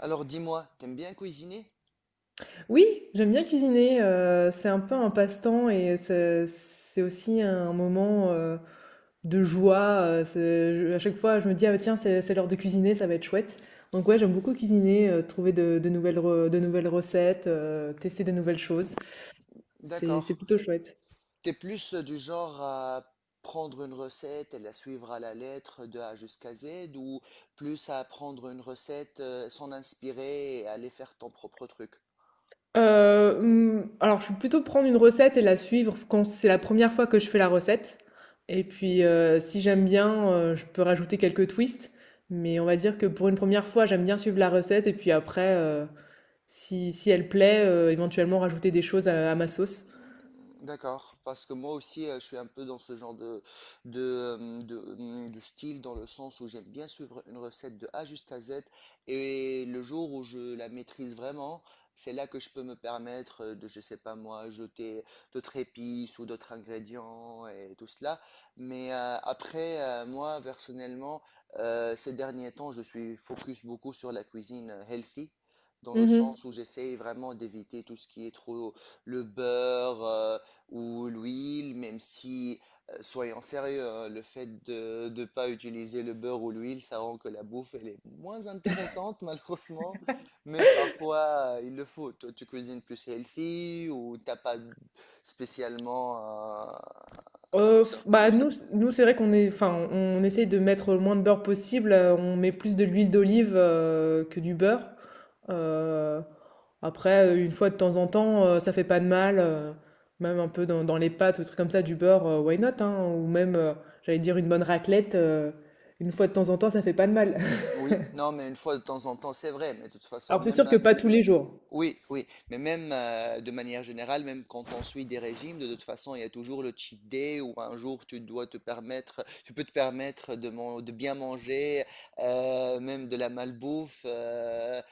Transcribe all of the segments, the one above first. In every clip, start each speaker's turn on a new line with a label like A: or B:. A: Alors dis-moi, t'aimes bien cuisiner?
B: Oui, j'aime bien cuisiner, c'est un peu un passe-temps et c'est aussi un moment, de joie. C'est, je à chaque fois je me dis: «Ah bah, tiens, c'est l'heure de cuisiner, ça va être chouette». Donc ouais, j'aime beaucoup cuisiner, trouver de nouvelles re de nouvelles recettes, tester de nouvelles choses. C'est
A: D'accord.
B: c'est plutôt chouette.
A: T'es plus du genre à prendre une recette et la suivre à la lettre de A jusqu'à Z ou plus à prendre une recette, s'en inspirer et aller faire ton propre truc?
B: Mmh, alors je vais plutôt prendre une recette et la suivre quand c'est la première fois que je fais la recette, et puis, si j'aime bien, je peux rajouter quelques twists, mais on va dire que pour une première fois, j'aime bien suivre la recette et puis après, si elle plaît, éventuellement rajouter des choses à ma sauce.
A: D'accord, parce que moi aussi je suis un peu dans ce genre de style dans le sens où j'aime bien suivre une recette de A jusqu'à Z et le jour où je la maîtrise vraiment, c'est là que je peux me permettre je sais pas moi, jeter d'autres épices ou d'autres ingrédients et tout cela. Mais après, moi personnellement, ces derniers temps, je suis focus beaucoup sur la cuisine healthy. Dans le
B: Mmh.
A: sens où j'essaye vraiment d'éviter tout ce qui est trop le beurre, ou l'huile, même si, soyons sérieux, hein, le fait de ne pas utiliser le beurre ou l'huile, ça rend que la bouffe, elle est moins intéressante, malheureusement. Mais parfois, il le faut. Toi, tu cuisines plus healthy ou t'as pas spécialement euh, comme
B: Euh,
A: ça.
B: f- bah nous, nous c'est vrai qu'on est, enfin, on essaye de mettre le moins de beurre possible. On met plus de l'huile d'olive que du beurre. Euh, Après, une fois de temps en temps, ça fait pas de mal. Même un peu dans, dans les pâtes ou des trucs comme ça, du beurre, why not, hein, ou même, j'allais dire une bonne raclette. Une fois de temps en temps, ça fait pas de mal.
A: Oui, non, mais une fois de temps en temps, c'est vrai. Mais de toute façon,
B: Alors c'est sûr
A: même.
B: que pas tous les jours.
A: Oui, oui, mais même de manière générale, même quand on suit des régimes, de toute façon, il y a toujours le cheat day où un jour tu dois te permettre, tu peux te permettre de bien manger, même de la malbouffe, euh,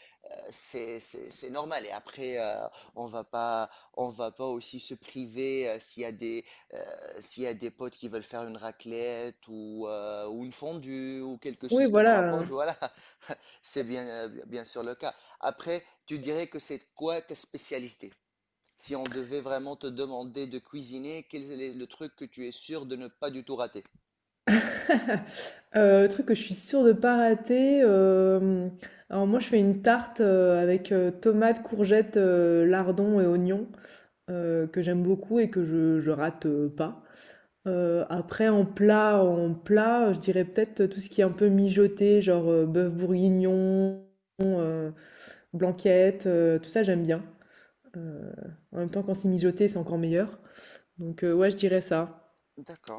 A: c'est, c'est, c'est normal. Et après, on va pas, on va pas aussi se priver s'il y a des, euh, potes qui veulent faire une raclette ou une fondue ou quelque
B: Oui,
A: chose qui nous
B: voilà.
A: rapproche, voilà. C'est bien, bien sûr le cas. Après, tu dirais que c'est quoi ta spécialité? Si on devait vraiment te demander de cuisiner, quel est le truc que tu es sûr de ne pas du tout rater?
B: Le truc que je suis sûre de pas rater, alors moi je fais une tarte, avec, tomates, courgettes, lardons et oignons, que j'aime beaucoup et que je rate, pas. Après en plat, je dirais peut-être tout ce qui est un peu mijoté, genre, bœuf bourguignon, heu, blanquette, tout ça j'aime bien. Heu, En même temps quand c'est mijoté, c'est encore meilleur. Donc, ouais je dirais ça.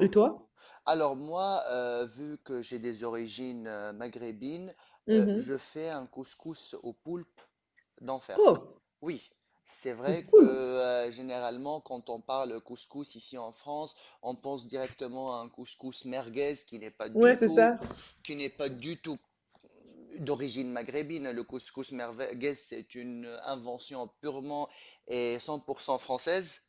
B: Et toi?
A: Alors moi, vu que j'ai des origines maghrébines,
B: Mmh.
A: je fais un couscous au poulpe d'enfer.
B: Oh!
A: Oui, c'est vrai que
B: Cool.
A: généralement, quand on parle couscous ici en France, on pense directement à un couscous merguez
B: Ouais c'est ça.
A: qui n'est pas du tout d'origine maghrébine. Le couscous merveilleux, c'est une invention purement et 100% française.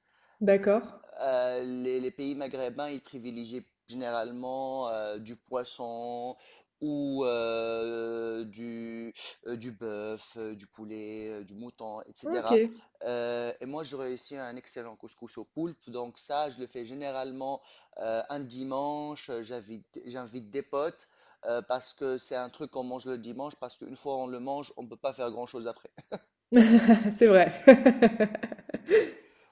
B: D'accord.
A: Les les, pays maghrébins, ils privilégient généralement du poisson ou euh, du, du bœuf, du poulet, du mouton, etc.
B: OK.
A: Et moi, je réussis un excellent couscous au poulpe. Donc ça, je le fais généralement un dimanche. J'invite des potes parce que c'est un truc qu'on mange le dimanche parce qu'une fois on le mange, on ne peut pas faire grand-chose après.
B: C'est vrai.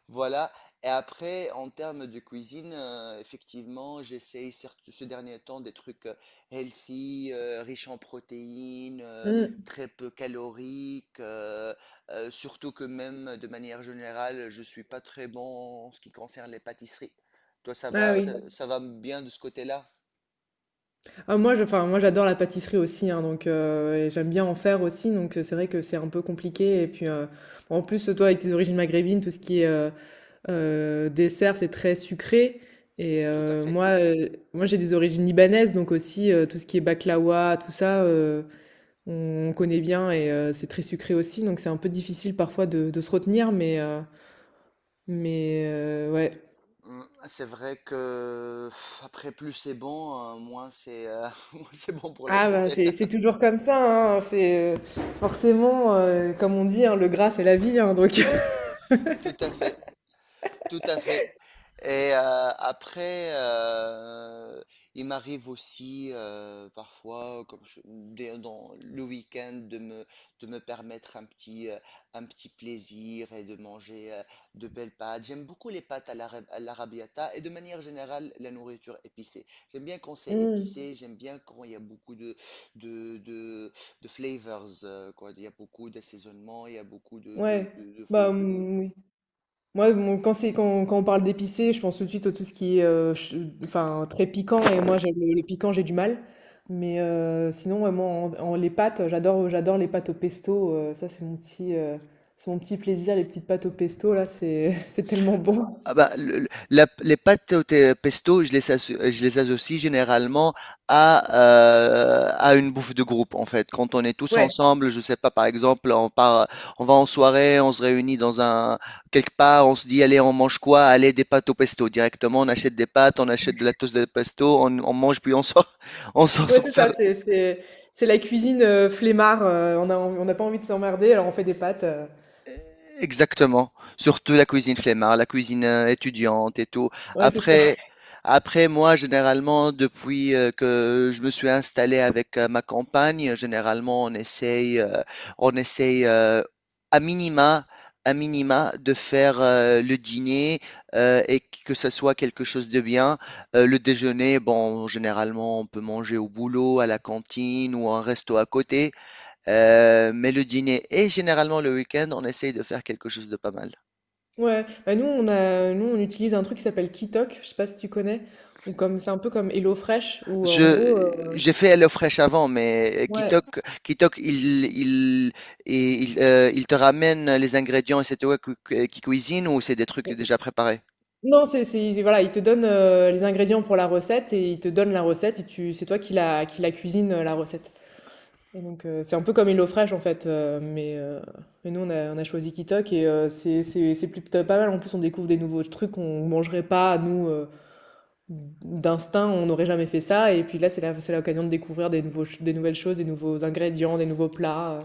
A: Voilà. Et après, en termes de cuisine, effectivement, j'essaye certes ce dernier temps des trucs healthy, riches en protéines,
B: Mmh.
A: très peu caloriques, surtout que même de manière générale, je suis pas très bon en ce qui concerne les pâtisseries. Toi, ça
B: Ah
A: va,
B: oui.
A: ça va bien de ce côté-là?
B: Ah, moi, je, enfin, moi, j'adore la pâtisserie aussi, hein, donc et j'aime bien en faire aussi, donc c'est vrai que c'est un peu compliqué. Et puis, en plus, toi, avec tes origines maghrébines, tout ce qui est dessert, c'est très sucré. Et
A: Tout à fait.
B: moi, j'ai des origines libanaises, donc aussi tout ce qui est baklawa, tout ça, on connaît bien et c'est très sucré aussi, donc c'est un peu difficile parfois de se retenir, mais ouais.
A: Mm, C'est vrai que pff, après plus c'est bon, moins c'est moins c'est bon pour la
B: Ah bah
A: santé.
B: c'est toujours comme ça, hein, c'est, forcément, comme on dit, hein, le gras c'est la vie, hein, donc
A: Oui, tout à fait, tout à fait. Et après, il m'arrive aussi parfois, comme dans le week-end, de me permettre un petit plaisir et de manger de belles pâtes. J'aime beaucoup les pâtes à l'arrabbiata et de manière générale la nourriture épicée. J'aime bien quand c'est
B: Mmh,
A: épicé, j'aime bien quand il y a beaucoup de, de, de flavors, quoi. Il y a beaucoup d'assaisonnement, il y a beaucoup
B: ouais,
A: de.
B: bah, mmh, oui. Moi, mon quand c'est quand on parle d'épicé, je pense tout de suite à tout ce qui est, ch enfin, très piquant et moi j'aime le piquant, j'ai du mal. Mais, sinon, ouais, moi en en les pâtes, j'adore les pâtes au pesto, ça c'est mon petit plaisir, les petites pâtes au pesto là, c'est c'est tellement bon.
A: Ah bah, les pâtes pesto, je les associe généralement à une bouffe de groupe, en fait. Quand on est tous
B: Ouais.
A: ensemble, je sais pas, par exemple, on part, on va en soirée, on se réunit dans un, quelque part, on se dit, allez, on mange quoi? Allez, des pâtes au pesto. Directement, on achète des pâtes, on achète de la toast de pesto, on mange, puis on sort, on sort se
B: Ouais, c'est ça,
A: faire.
B: c'est c'est la cuisine, flemmard, on a env on n'a pas envie de s'emmerder, alors on fait des pâtes,
A: Exactement. Surtout la cuisine flemmard, la cuisine étudiante et tout.
B: ouais, c'est ça.
A: Après, après moi, généralement, depuis que je me suis installé avec ma compagne, généralement, on essaye à minima, à minima de faire le dîner et que ce soit quelque chose de bien. Le déjeuner, bon, généralement, on peut manger au boulot, à la cantine ou à un resto à côté. Mais le dîner et généralement le week-end, on essaye de faire quelque chose de pas mal.
B: Ouais, bah, nous on a nous on utilise un truc qui s'appelle Kitok, je sais pas si tu connais? Ou comme c'est un peu comme HelloFresh où en gros,
A: Je, j'ai fait HelloFresh avant, mais
B: ouais.
A: Kitok, il te ramène les ingrédients et c'est toi qui cuisine ou c'est des trucs déjà préparés?
B: Non, c'est ils voilà, ils te donnent, les ingrédients pour la recette et ils te donnent la recette et tu c'est toi qui la cuisine, la recette. Et donc, c'est un peu comme HelloFresh, en fait, mais nous, on a choisi Kitok et c'est c'est plutôt pas mal. En plus, on découvre des nouveaux trucs qu'on mangerait pas, nous, d'instinct, on n'aurait jamais fait ça et puis là, c'est l'occasion de découvrir des nouveaux ch des nouvelles choses, des nouveaux ingrédients, des nouveaux plats,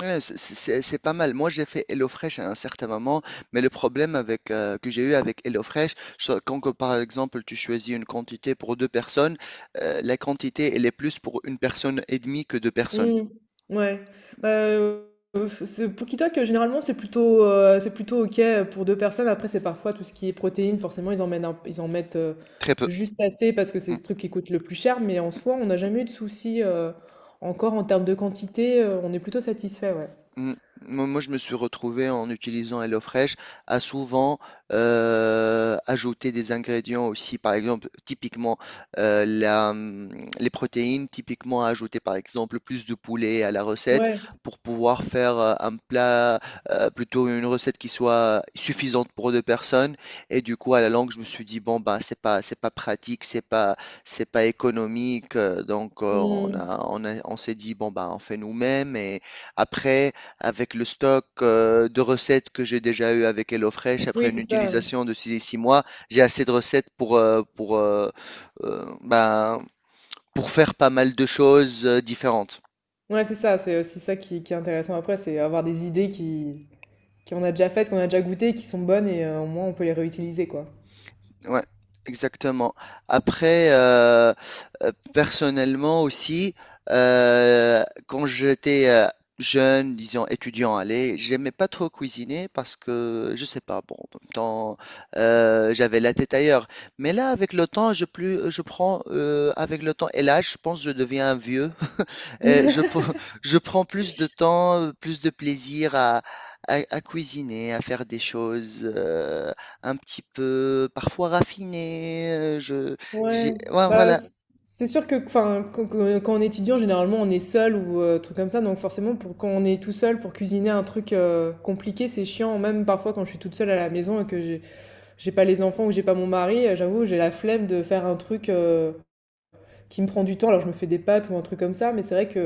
A: Ouais, c'est pas mal. Moi, j'ai fait HelloFresh à un certain moment, mais le problème avec, que j'ai eu avec HelloFresh, c'est quand que, par exemple tu choisis une quantité pour deux personnes, la quantité elle est plus pour une personne et demie que deux personnes.
B: Mmh. Ouais, bah, f c'est pookitoc, généralement, c'est plutôt OK, pour 2 personnes. Après, c'est parfois tout ce qui est protéines, forcément, ils en mettent,
A: Très peu.
B: juste assez parce que c'est ce truc qui coûte le plus cher, mais en soi, on n'a jamais eu de soucis, encore en termes de quantité, on est plutôt satisfait, ouais.
A: Mm. Moi, je me suis retrouvé en utilisant HelloFresh à souvent ajouter des ingrédients aussi, par exemple, typiquement euh, la, hum, les protéines, typiquement à ajouter par exemple plus de poulet à la recette
B: Ouais,
A: pour pouvoir faire un plat, plutôt une recette qui soit suffisante pour deux personnes. Et du coup, à la longue, je me suis dit, bon, bah, c'est pas pratique, c'est pas économique. Donc,
B: mmh.
A: on s'est dit, bon, bah, on fait nous-mêmes et. Après, avec le stock de recettes que j'ai déjà eu avec HelloFresh, après
B: Oui,
A: une
B: c'est ça.
A: utilisation de six mois, j'ai assez de recettes ben, pour faire pas mal de choses différentes.
B: Ouais, c'est ça, c'est aussi ça qui est intéressant après, c'est avoir des idées qui qu'on a déjà faites, qu'on a déjà goûtées, qui sont bonnes et au moins, on peut les réutiliser, quoi.
A: Ouais, exactement. Après, personnellement aussi, quand j'étais jeune, disons étudiant, allez, j'aimais pas trop cuisiner parce que, je sais pas, bon, en même temps, j'avais la tête ailleurs. Mais là, avec le temps, je prends, avec le temps et l'âge, je pense que je deviens un vieux. Et je prends plus de temps, plus de plaisir à, à cuisiner, à faire des choses. Un petit peu parfois raffiné, je j'ai
B: Ouais,
A: ouais,
B: bah
A: voilà.
B: c'est sûr que enfin quand quand on est étudiant, généralement on est seul ou truc comme ça, donc forcément pour quand on est tout seul pour cuisiner un truc compliqué, c'est chiant. Même parfois quand je suis toute seule à la maison et que j'ai pas les enfants ou que j'ai pas mon mari, j'avoue j'ai la flemme de faire un truc qui me prend du temps. Alors je me fais des pâtes ou un truc comme ça, mais c'est vrai que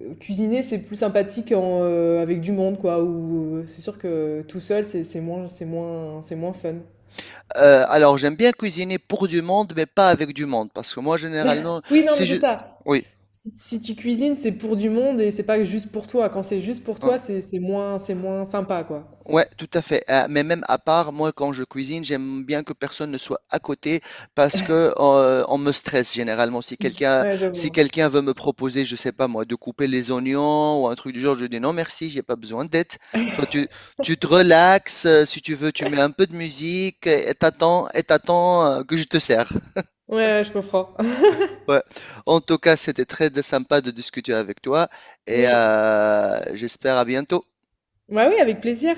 B: cuisiner c'est plus sympathique en, avec du monde quoi. Ou c'est sûr que tout seul c'est moins c'est moins fun.
A: Alors j'aime bien cuisiner pour du monde, mais pas avec du monde, parce que moi généralement
B: Oui non
A: si
B: mais c'est
A: je
B: ça.
A: oui,
B: Si, si tu cuisines, c'est pour du monde et c'est pas juste pour toi. Quand c'est juste pour toi,
A: hein.
B: c'est moins sympa, quoi.
A: Ouais, tout à fait. Mais même à part, moi, quand je cuisine, j'aime bien que personne ne soit à côté parce que on me stresse généralement.
B: Ouais, je
A: Si
B: vois.
A: quelqu'un veut me proposer, je sais pas moi, de couper les oignons ou un truc du genre, je dis non merci, j'ai pas besoin d'aide. Toi, tu te relaxes. Si tu veux, tu mets un peu de musique et et t'attends que je te sers.
B: Ouais, ouais, je comprends.
A: Ouais. En tout cas, c'était très sympa de discuter avec toi et
B: Oui.
A: j'espère à bientôt.
B: Ouais, oui, avec plaisir.